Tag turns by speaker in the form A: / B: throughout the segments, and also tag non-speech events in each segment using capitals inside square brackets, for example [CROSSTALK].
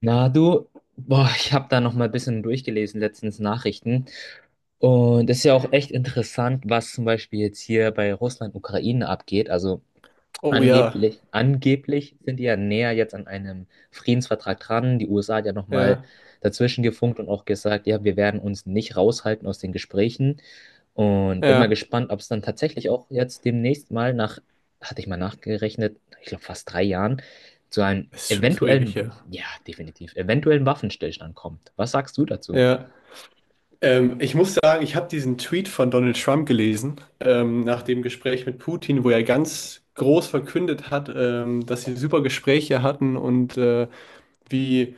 A: Na du, boah, ich habe da noch mal ein bisschen durchgelesen letztens Nachrichten und es ist ja auch
B: Mhm.
A: echt interessant, was zum Beispiel jetzt hier bei Russland, Ukraine abgeht. Also
B: Oh ja,
A: angeblich sind die ja näher jetzt an einem Friedensvertrag dran. Die USA hat ja nochmal
B: ja,
A: dazwischen gefunkt und auch gesagt, ja, wir werden uns nicht raushalten aus den Gesprächen. Und bin mal
B: ja.
A: gespannt, ob es dann tatsächlich auch jetzt demnächst mal nach, hatte ich mal nachgerechnet, ich glaube fast 3 Jahren, zu einem
B: Es ist schon zu ewig
A: eventuellen,
B: her.
A: ja, definitiv, eventuellen Waffenstillstand kommt. Was sagst du dazu?
B: Ja. Ich muss sagen, ich habe diesen Tweet von Donald Trump gelesen, nach dem Gespräch mit Putin, wo er ganz groß verkündet hat, dass sie super Gespräche hatten und wie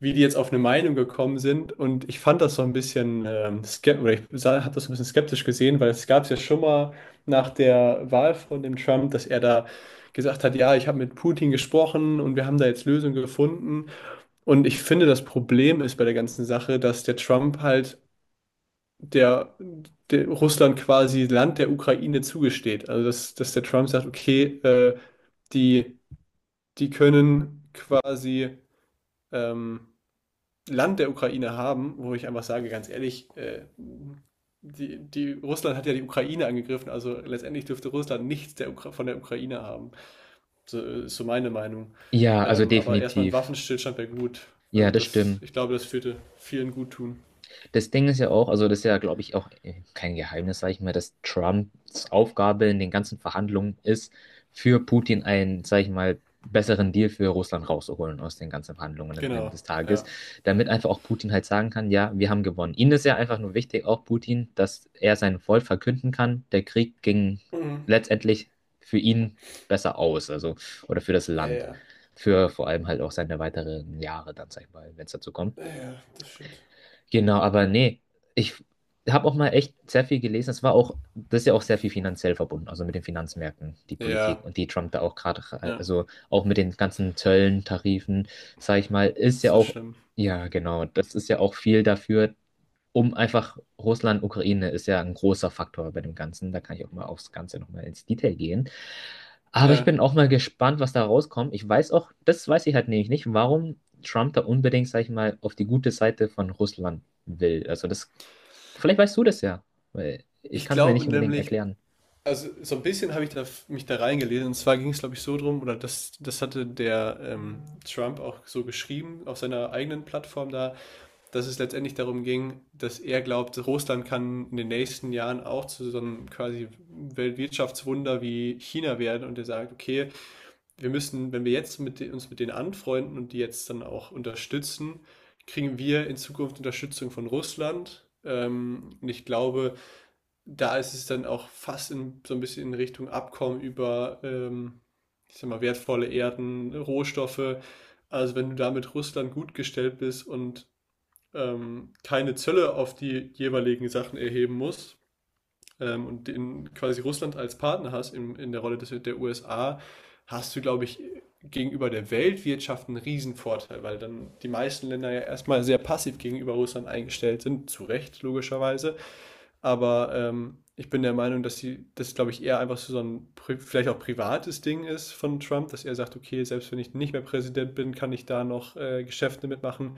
B: wie die jetzt auf eine Meinung gekommen sind. Und ich fand das so ein bisschen skeptisch, oder ich habe das so ein bisschen skeptisch gesehen, weil es gab es ja schon mal nach der Wahl von dem Trump, dass er da gesagt hat, ja, ich habe mit Putin gesprochen und wir haben da jetzt Lösungen gefunden. Und ich finde, das Problem ist bei der ganzen Sache, dass der Trump halt der, der Russland quasi Land der Ukraine zugesteht. Also dass der Trump sagt, okay, die, die können quasi ähm, Land der Ukraine haben, wo ich einfach sage, ganz ehrlich, die Russland hat ja die Ukraine angegriffen, also letztendlich dürfte Russland nichts der Ukra von der Ukraine haben. So ist so meine Meinung.
A: Ja, also
B: Aber erstmal ein
A: definitiv.
B: Waffenstillstand wäre gut.
A: Ja,
B: Also
A: das
B: das,
A: stimmt.
B: ich glaube, das würde vielen gut tun.
A: Das Ding ist ja auch, also das ist ja, glaube ich, auch kein Geheimnis, sage ich mal, dass Trumps Aufgabe in den ganzen Verhandlungen ist, für Putin einen, sage ich mal, besseren Deal für Russland rauszuholen aus den ganzen Verhandlungen am Ende
B: Genau,
A: des Tages,
B: ja.
A: damit einfach auch Putin halt sagen kann, ja, wir haben gewonnen. Ihnen ist ja einfach nur wichtig, auch Putin, dass er sein Volk verkünden kann, der Krieg ging
B: Mhm.
A: letztendlich für ihn besser aus, also, oder für das
B: Ja,
A: Land,
B: ja,
A: für vor allem halt auch seine weiteren Jahre dann, sag ich mal, wenn es dazu kommt.
B: ja, ja, das stimmt.
A: Genau, aber nee, ich habe auch mal echt sehr viel gelesen. Es war auch, das ist ja auch sehr viel finanziell verbunden, also mit den Finanzmärkten, die Politik
B: Ja,
A: und die Trump da auch gerade,
B: ja,
A: also auch mit den ganzen Zöllen, Tarifen, sage ich mal, ist
B: das
A: ja
B: war
A: auch,
B: schlimm.
A: ja genau, das ist ja auch viel dafür, um einfach Russland, Ukraine ist ja ein großer Faktor bei dem Ganzen. Da kann ich auch mal aufs Ganze nochmal ins Detail gehen. Aber ich bin
B: Ja,
A: auch mal gespannt, was da rauskommt. Ich weiß auch, das weiß ich halt nämlich nicht, warum Trump da unbedingt, sag ich mal, auf die gute Seite von Russland will. Also das, vielleicht weißt du das ja, weil ich
B: ich
A: kann es mir
B: glaube
A: nicht unbedingt
B: nämlich,
A: erklären.
B: also so ein bisschen habe ich mich da reingelesen. Und zwar ging es, glaube ich, so drum, oder das hatte der Trump auch so geschrieben auf seiner eigenen Plattform da, dass es letztendlich darum ging, dass er glaubt, Russland kann in den nächsten Jahren auch zu so einem quasi Weltwirtschaftswunder wie China werden. Und er sagt, okay, wir müssen, wenn wir jetzt uns mit denen anfreunden und die jetzt dann auch unterstützen, kriegen wir in Zukunft Unterstützung von Russland. Und ich glaube, da ist es dann auch fast so ein bisschen in Richtung Abkommen über, ich sag mal, wertvolle Erden, Rohstoffe. Also wenn du da mit Russland gut gestellt bist und keine Zölle auf die jeweiligen Sachen erheben musst, quasi Russland als Partner hast in der Rolle der USA, hast du, glaube ich, gegenüber der Weltwirtschaft einen Riesenvorteil, weil dann die meisten Länder ja erstmal sehr passiv gegenüber Russland eingestellt sind, zu Recht logischerweise. Aber ich bin der Meinung, dass glaube ich, eher einfach so ein vielleicht auch privates Ding ist von Trump, dass er sagt, okay, selbst wenn ich nicht mehr Präsident bin, kann ich da noch Geschäfte mitmachen.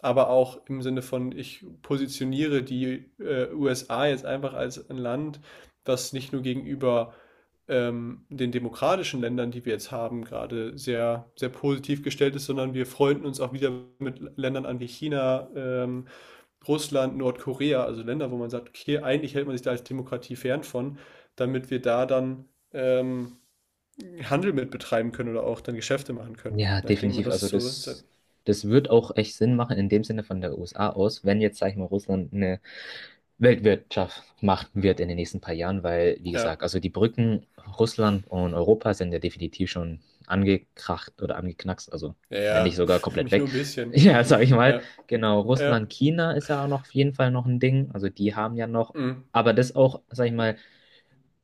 B: Aber auch im Sinne von, ich positioniere die USA jetzt einfach als ein Land, das nicht nur gegenüber den demokratischen Ländern, die wir jetzt haben, gerade sehr, sehr positiv gestellt ist, sondern wir freunden uns auch wieder mit Ländern an wie China, Russland, Nordkorea, also Länder, wo man sagt, okay, eigentlich hält man sich da als Demokratie fern von, damit wir da dann Handel mit betreiben können oder auch dann Geschäfte machen können.
A: Ja,
B: Na, ich denke mal,
A: definitiv.
B: das
A: Also
B: ist so.
A: das, das wird auch echt Sinn machen in dem Sinne von der USA aus, wenn jetzt, sag ich mal, Russland eine Weltwirtschaft machen wird in den nächsten paar Jahren, weil, wie
B: Ja,
A: gesagt, also die Brücken Russland und Europa sind ja definitiv schon angekracht oder angeknackst, also
B: ja,
A: wenn nicht
B: ja.
A: sogar
B: [LAUGHS]
A: komplett
B: Nicht nur
A: weg.
B: ein
A: [LAUGHS]
B: bisschen.
A: Ja, sag ich mal.
B: Ja,
A: Genau,
B: ja,
A: Russland, China ist ja auch noch auf jeden Fall noch ein Ding. Also die haben ja noch,
B: mm.
A: aber das auch, sag ich mal,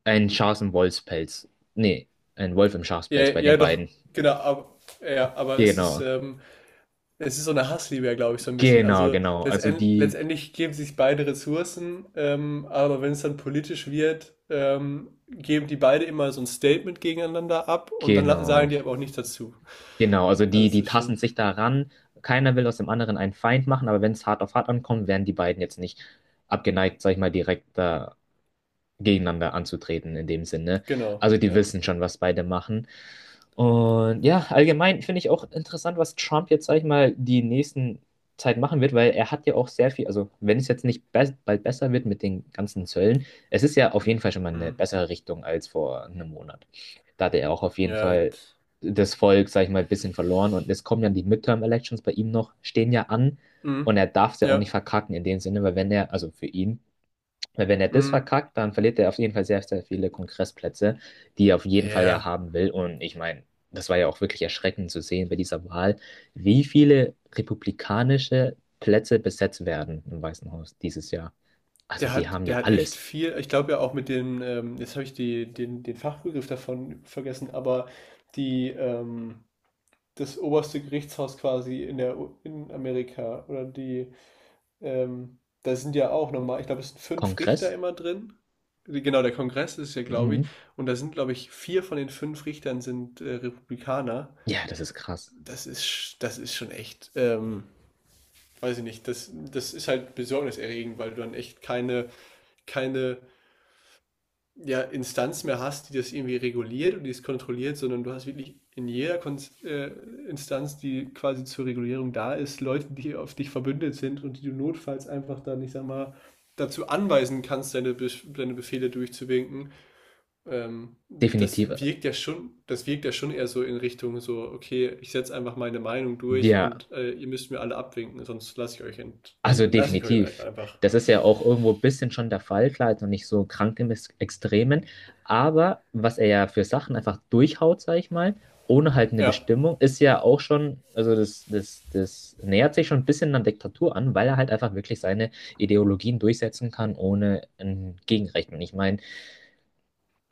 A: ein Schaf im Wolfspelz. Nee, ein Wolf im
B: Ja,
A: Schafspelz bei den
B: ja, doch,
A: beiden.
B: genau, ja, aber es ist,
A: Genau,
B: es ist so eine Hassliebe, glaube ich, so ein bisschen.
A: genau,
B: Also
A: genau. Also die,
B: letztendlich geben sich beide Ressourcen, aber wenn es dann politisch wird, geben die beide immer so ein Statement gegeneinander ab und dann sagen
A: genau.
B: die aber auch nichts dazu.
A: Genau, also
B: Also
A: die,
B: es
A: die
B: ist
A: tasten
B: schon,
A: sich daran. Keiner will aus dem anderen einen Feind machen, aber wenn es hart auf hart ankommt, wären die beiden jetzt nicht abgeneigt, sag ich mal, direkt gegeneinander anzutreten in dem Sinne.
B: genau,
A: Also die
B: ja.
A: wissen schon, was beide machen. Und ja, allgemein finde ich auch interessant, was Trump jetzt, sag ich mal, die nächsten Zeit machen wird, weil er hat ja auch sehr viel, also wenn es jetzt nicht be bald besser wird mit den ganzen Zöllen, es ist ja auf jeden Fall schon mal eine
B: Mhm.
A: bessere Richtung als vor einem Monat. Da hatte er auch auf jeden
B: Ja.
A: Fall das Volk, sag ich mal, ein bisschen verloren und es kommen ja die Midterm-Elections bei ihm noch, stehen ja an und
B: Mhm.
A: er darf es ja auch nicht
B: Ja.
A: verkacken in dem Sinne, weil wenn er, also für ihn, weil wenn er das
B: Mhm.
A: verkackt, dann verliert er auf jeden Fall sehr, sehr viele Kongressplätze, die er auf jeden Fall ja
B: Ja.
A: haben will. Und ich meine, das war ja auch wirklich erschreckend zu sehen bei dieser Wahl, wie viele republikanische Plätze besetzt werden im Weißen Haus dieses Jahr. Also die haben
B: Der
A: ja
B: hat echt
A: alles.
B: viel, ich glaube ja auch mit dem, jetzt habe ich den Fachbegriff davon vergessen, aber die, ähm, das oberste Gerichtshaus quasi in der in Amerika oder die da sind ja auch nochmal, ich glaube, es sind fünf
A: Kongress?
B: Richter immer drin. Genau, der Kongress ist ja, glaube ich,
A: Mhm.
B: und da sind, glaube ich, vier von den fünf Richtern sind Republikaner.
A: Ja, das ist krass.
B: Das ist, das ist schon echt, weiß ich nicht, das ist halt besorgniserregend, weil du dann echt keine, ja, Instanz mehr hast, die das irgendwie reguliert und die es kontrolliert, sondern du hast wirklich in jeder Kon Instanz, die quasi zur Regulierung da ist, Leute, die auf dich verbündet sind und die du notfalls einfach dann, ich sag mal, dazu anweisen kannst, deine Befehle durchzuwinken. Ähm, das
A: Definitiv.
B: wirkt ja schon, das wirkt ja schon eher so in Richtung so, okay, ich setze einfach meine Meinung durch
A: Ja,
B: und ihr müsst mir alle abwinken, sonst
A: also
B: lasse ich euch halt
A: definitiv.
B: einfach.
A: Das ist ja auch irgendwo ein bisschen schon der Fall, klar, jetzt noch nicht so krank im Extremen, aber was er ja für Sachen einfach durchhaut, sag ich mal, ohne halt eine
B: Ja,
A: Bestimmung, ist ja auch schon, also das, das, das nähert sich schon ein bisschen an Diktatur an, weil er halt einfach wirklich seine Ideologien durchsetzen kann, ohne ein Gegenrecht. Und ich meine,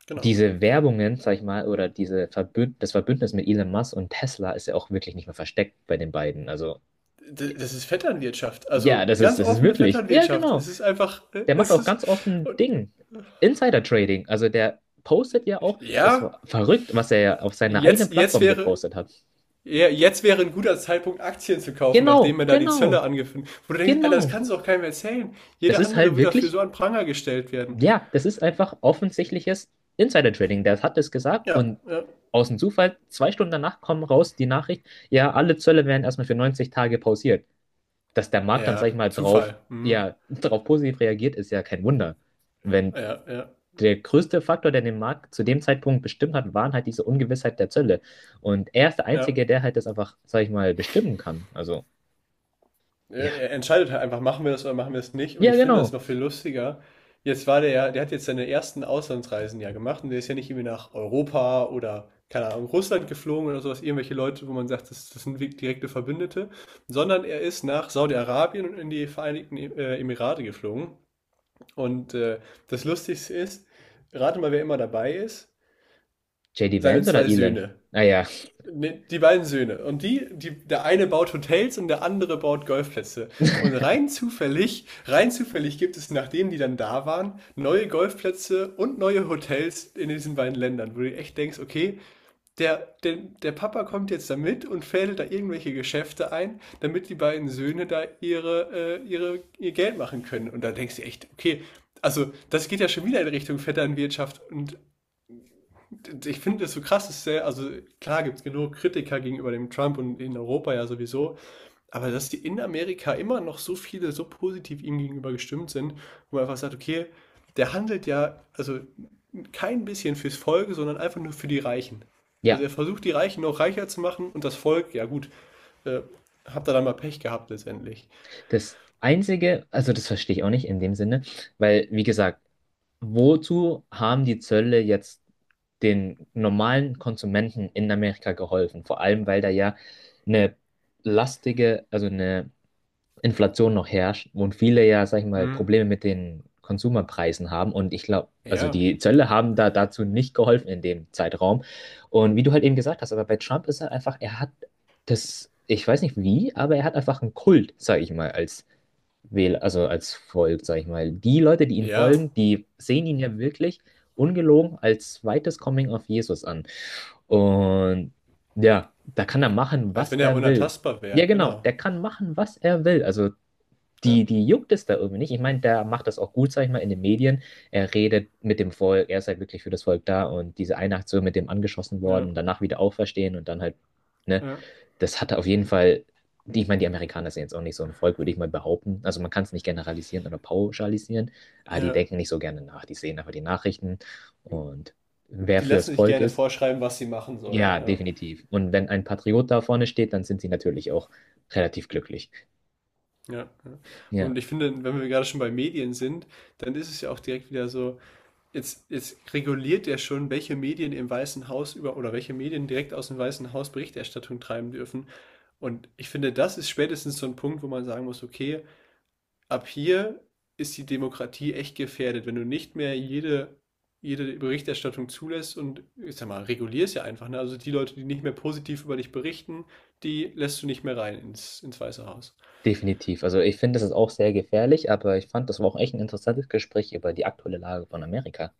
B: genau.
A: diese Werbungen, sag ich mal, oder diese Verbünd das Verbündnis mit Elon Musk und Tesla ist ja auch wirklich nicht mehr versteckt bei den beiden. Also,
B: Das ist Vetternwirtschaft.
A: ja,
B: Also ganz
A: das ist
B: offene
A: wirklich, ja,
B: Vetternwirtschaft.
A: genau.
B: Es ist einfach,
A: Der macht
B: es
A: auch
B: ist,
A: ganz offen
B: und,
A: Ding. Insider-Trading. Also der postet ja auch,
B: ja,
A: das war verrückt, was er ja auf seiner eigenen
B: jetzt, jetzt
A: Plattform
B: wäre,
A: gepostet hat.
B: ja, jetzt wäre ein guter Zeitpunkt, Aktien zu kaufen, nachdem
A: Genau,
B: man da die Zölle
A: genau,
B: angefangen hat. Wo du denkst, Alter, das
A: genau.
B: kannst du auch keinem erzählen.
A: Das
B: Jeder
A: ist
B: andere
A: halt
B: wird dafür
A: wirklich,
B: so an Pranger gestellt werden.
A: ja, das ist einfach offensichtliches Insider-Trading. Der hat es gesagt
B: Ja,
A: und
B: ja.
A: aus dem Zufall, 2 Stunden danach kommen raus die Nachricht, ja, alle Zölle werden erstmal für 90 Tage pausiert. Dass der Markt dann, sag ich
B: Ja,
A: mal, drauf,
B: Zufall. Mhm.
A: ja, [LAUGHS] drauf positiv reagiert, ist ja kein Wunder. Wenn
B: Ja, ja,
A: der größte Faktor, der den Markt zu dem Zeitpunkt bestimmt hat, waren halt diese Ungewissheit der Zölle. Und er ist der
B: ja.
A: Einzige, der halt das einfach, sag ich mal, bestimmen kann. Also,
B: Er
A: ja.
B: er entscheidet halt einfach, machen wir das oder machen wir es nicht. Und
A: Ja,
B: ich finde das
A: genau.
B: noch viel lustiger. Jetzt war der ja, der hat jetzt seine ersten Auslandsreisen ja gemacht und der ist ja nicht irgendwie nach Europa oder, keine Ahnung, Russland geflogen oder sowas, irgendwelche Leute, wo man sagt, das sind wirklich direkte Verbündete, sondern er ist nach Saudi-Arabien und in die Emirate geflogen. Und das Lustigste ist, rate mal, wer immer dabei ist,
A: JD
B: seine
A: Vance oder
B: zwei
A: Elon?
B: Söhne.
A: Naja, ja.
B: Ne, die beiden Söhne. Und der eine baut Hotels und der andere baut Golfplätze. Und rein zufällig gibt es, nachdem die dann da waren, neue Golfplätze und neue Hotels in diesen beiden Ländern, wo du echt denkst, okay, der Papa kommt jetzt da mit und fädelt da irgendwelche Geschäfte ein, damit die beiden Söhne da ihr Geld machen können. Und da denkst du echt, okay, also das geht ja schon wieder in Richtung Vetternwirtschaft und ich finde es so krass, das ist sehr, also klar gibt es genug Kritiker gegenüber dem Trump und in Europa ja sowieso, aber dass die in Amerika immer noch so viele so positiv ihm gegenüber gestimmt sind, wo man einfach sagt, okay, der handelt ja, also kein bisschen fürs Volk, sondern einfach nur für die Reichen. Also
A: Ja.
B: er versucht die Reichen noch reicher zu machen und das Volk, ja gut, äh, habt ihr dann mal Pech gehabt letztendlich.
A: Das Einzige, also das verstehe ich auch nicht in dem Sinne, weil, wie gesagt, wozu haben die Zölle jetzt den normalen Konsumenten in Amerika geholfen? Vor allem, weil da ja eine lastige, also eine Inflation noch herrscht und viele ja, sag ich mal,
B: Mhm.
A: Probleme mit den Konsumerpreisen haben. Und ich glaube, also
B: Ja,
A: die Zölle haben da dazu nicht geholfen in dem Zeitraum. Und wie du halt eben gesagt hast, aber bei Trump ist halt einfach, er hat das, ich weiß nicht wie, aber er hat einfach einen Kult, sag ich mal, als Wähler, also als Volk, sag ich mal. Die Leute, die ihm
B: ja,
A: folgen, die sehen ihn ja wirklich ungelogen als zweites Coming of Jesus an. Und ja, da kann er
B: ja,
A: machen,
B: als
A: was
B: wenn er
A: er will.
B: unantastbar wäre,
A: Ja, genau,
B: genau.
A: der kann machen, was er will. Also
B: Ja,
A: die, die juckt es da irgendwie nicht. Ich meine, der macht das auch gut, sag ich mal, in den Medien. Er redet mit dem Volk, er ist halt wirklich für das Volk da und diese eine Aktion mit dem angeschossen
B: ja,
A: worden, danach wieder auferstehen und dann halt, ne,
B: ja.
A: das hat er auf jeden Fall, ich meine, die Amerikaner sind jetzt auch nicht so ein Volk, würde ich mal behaupten. Also man kann es nicht generalisieren oder pauschalisieren, aber die
B: Ja.
A: denken nicht so gerne nach. Die sehen einfach die Nachrichten und wer
B: Die
A: fürs
B: lassen sich
A: Volk
B: gerne
A: ist,
B: vorschreiben, was sie machen sollen.
A: ja,
B: Ja.
A: definitiv. Und wenn ein Patriot da vorne steht, dann sind sie natürlich auch relativ glücklich.
B: Ja, ja.
A: Ja.
B: Und ich finde, wenn wir gerade schon bei Medien sind, dann ist es ja auch direkt wieder so, jetzt reguliert er schon, welche Medien im Weißen Haus über oder welche Medien direkt aus dem Weißen Haus Berichterstattung treiben dürfen. Und ich finde, das ist spätestens so ein Punkt, wo man sagen muss, okay, ab hier ist die Demokratie echt gefährdet, wenn du nicht mehr jede Berichterstattung zulässt und, ich sag mal, regulierst ja einfach, ne? Also die Leute, die nicht mehr positiv über dich berichten, die lässt du nicht mehr rein ins Weiße Haus.
A: Definitiv. Also ich finde, das ist auch sehr gefährlich, aber ich fand, das war auch echt ein interessantes Gespräch über die aktuelle Lage von Amerika.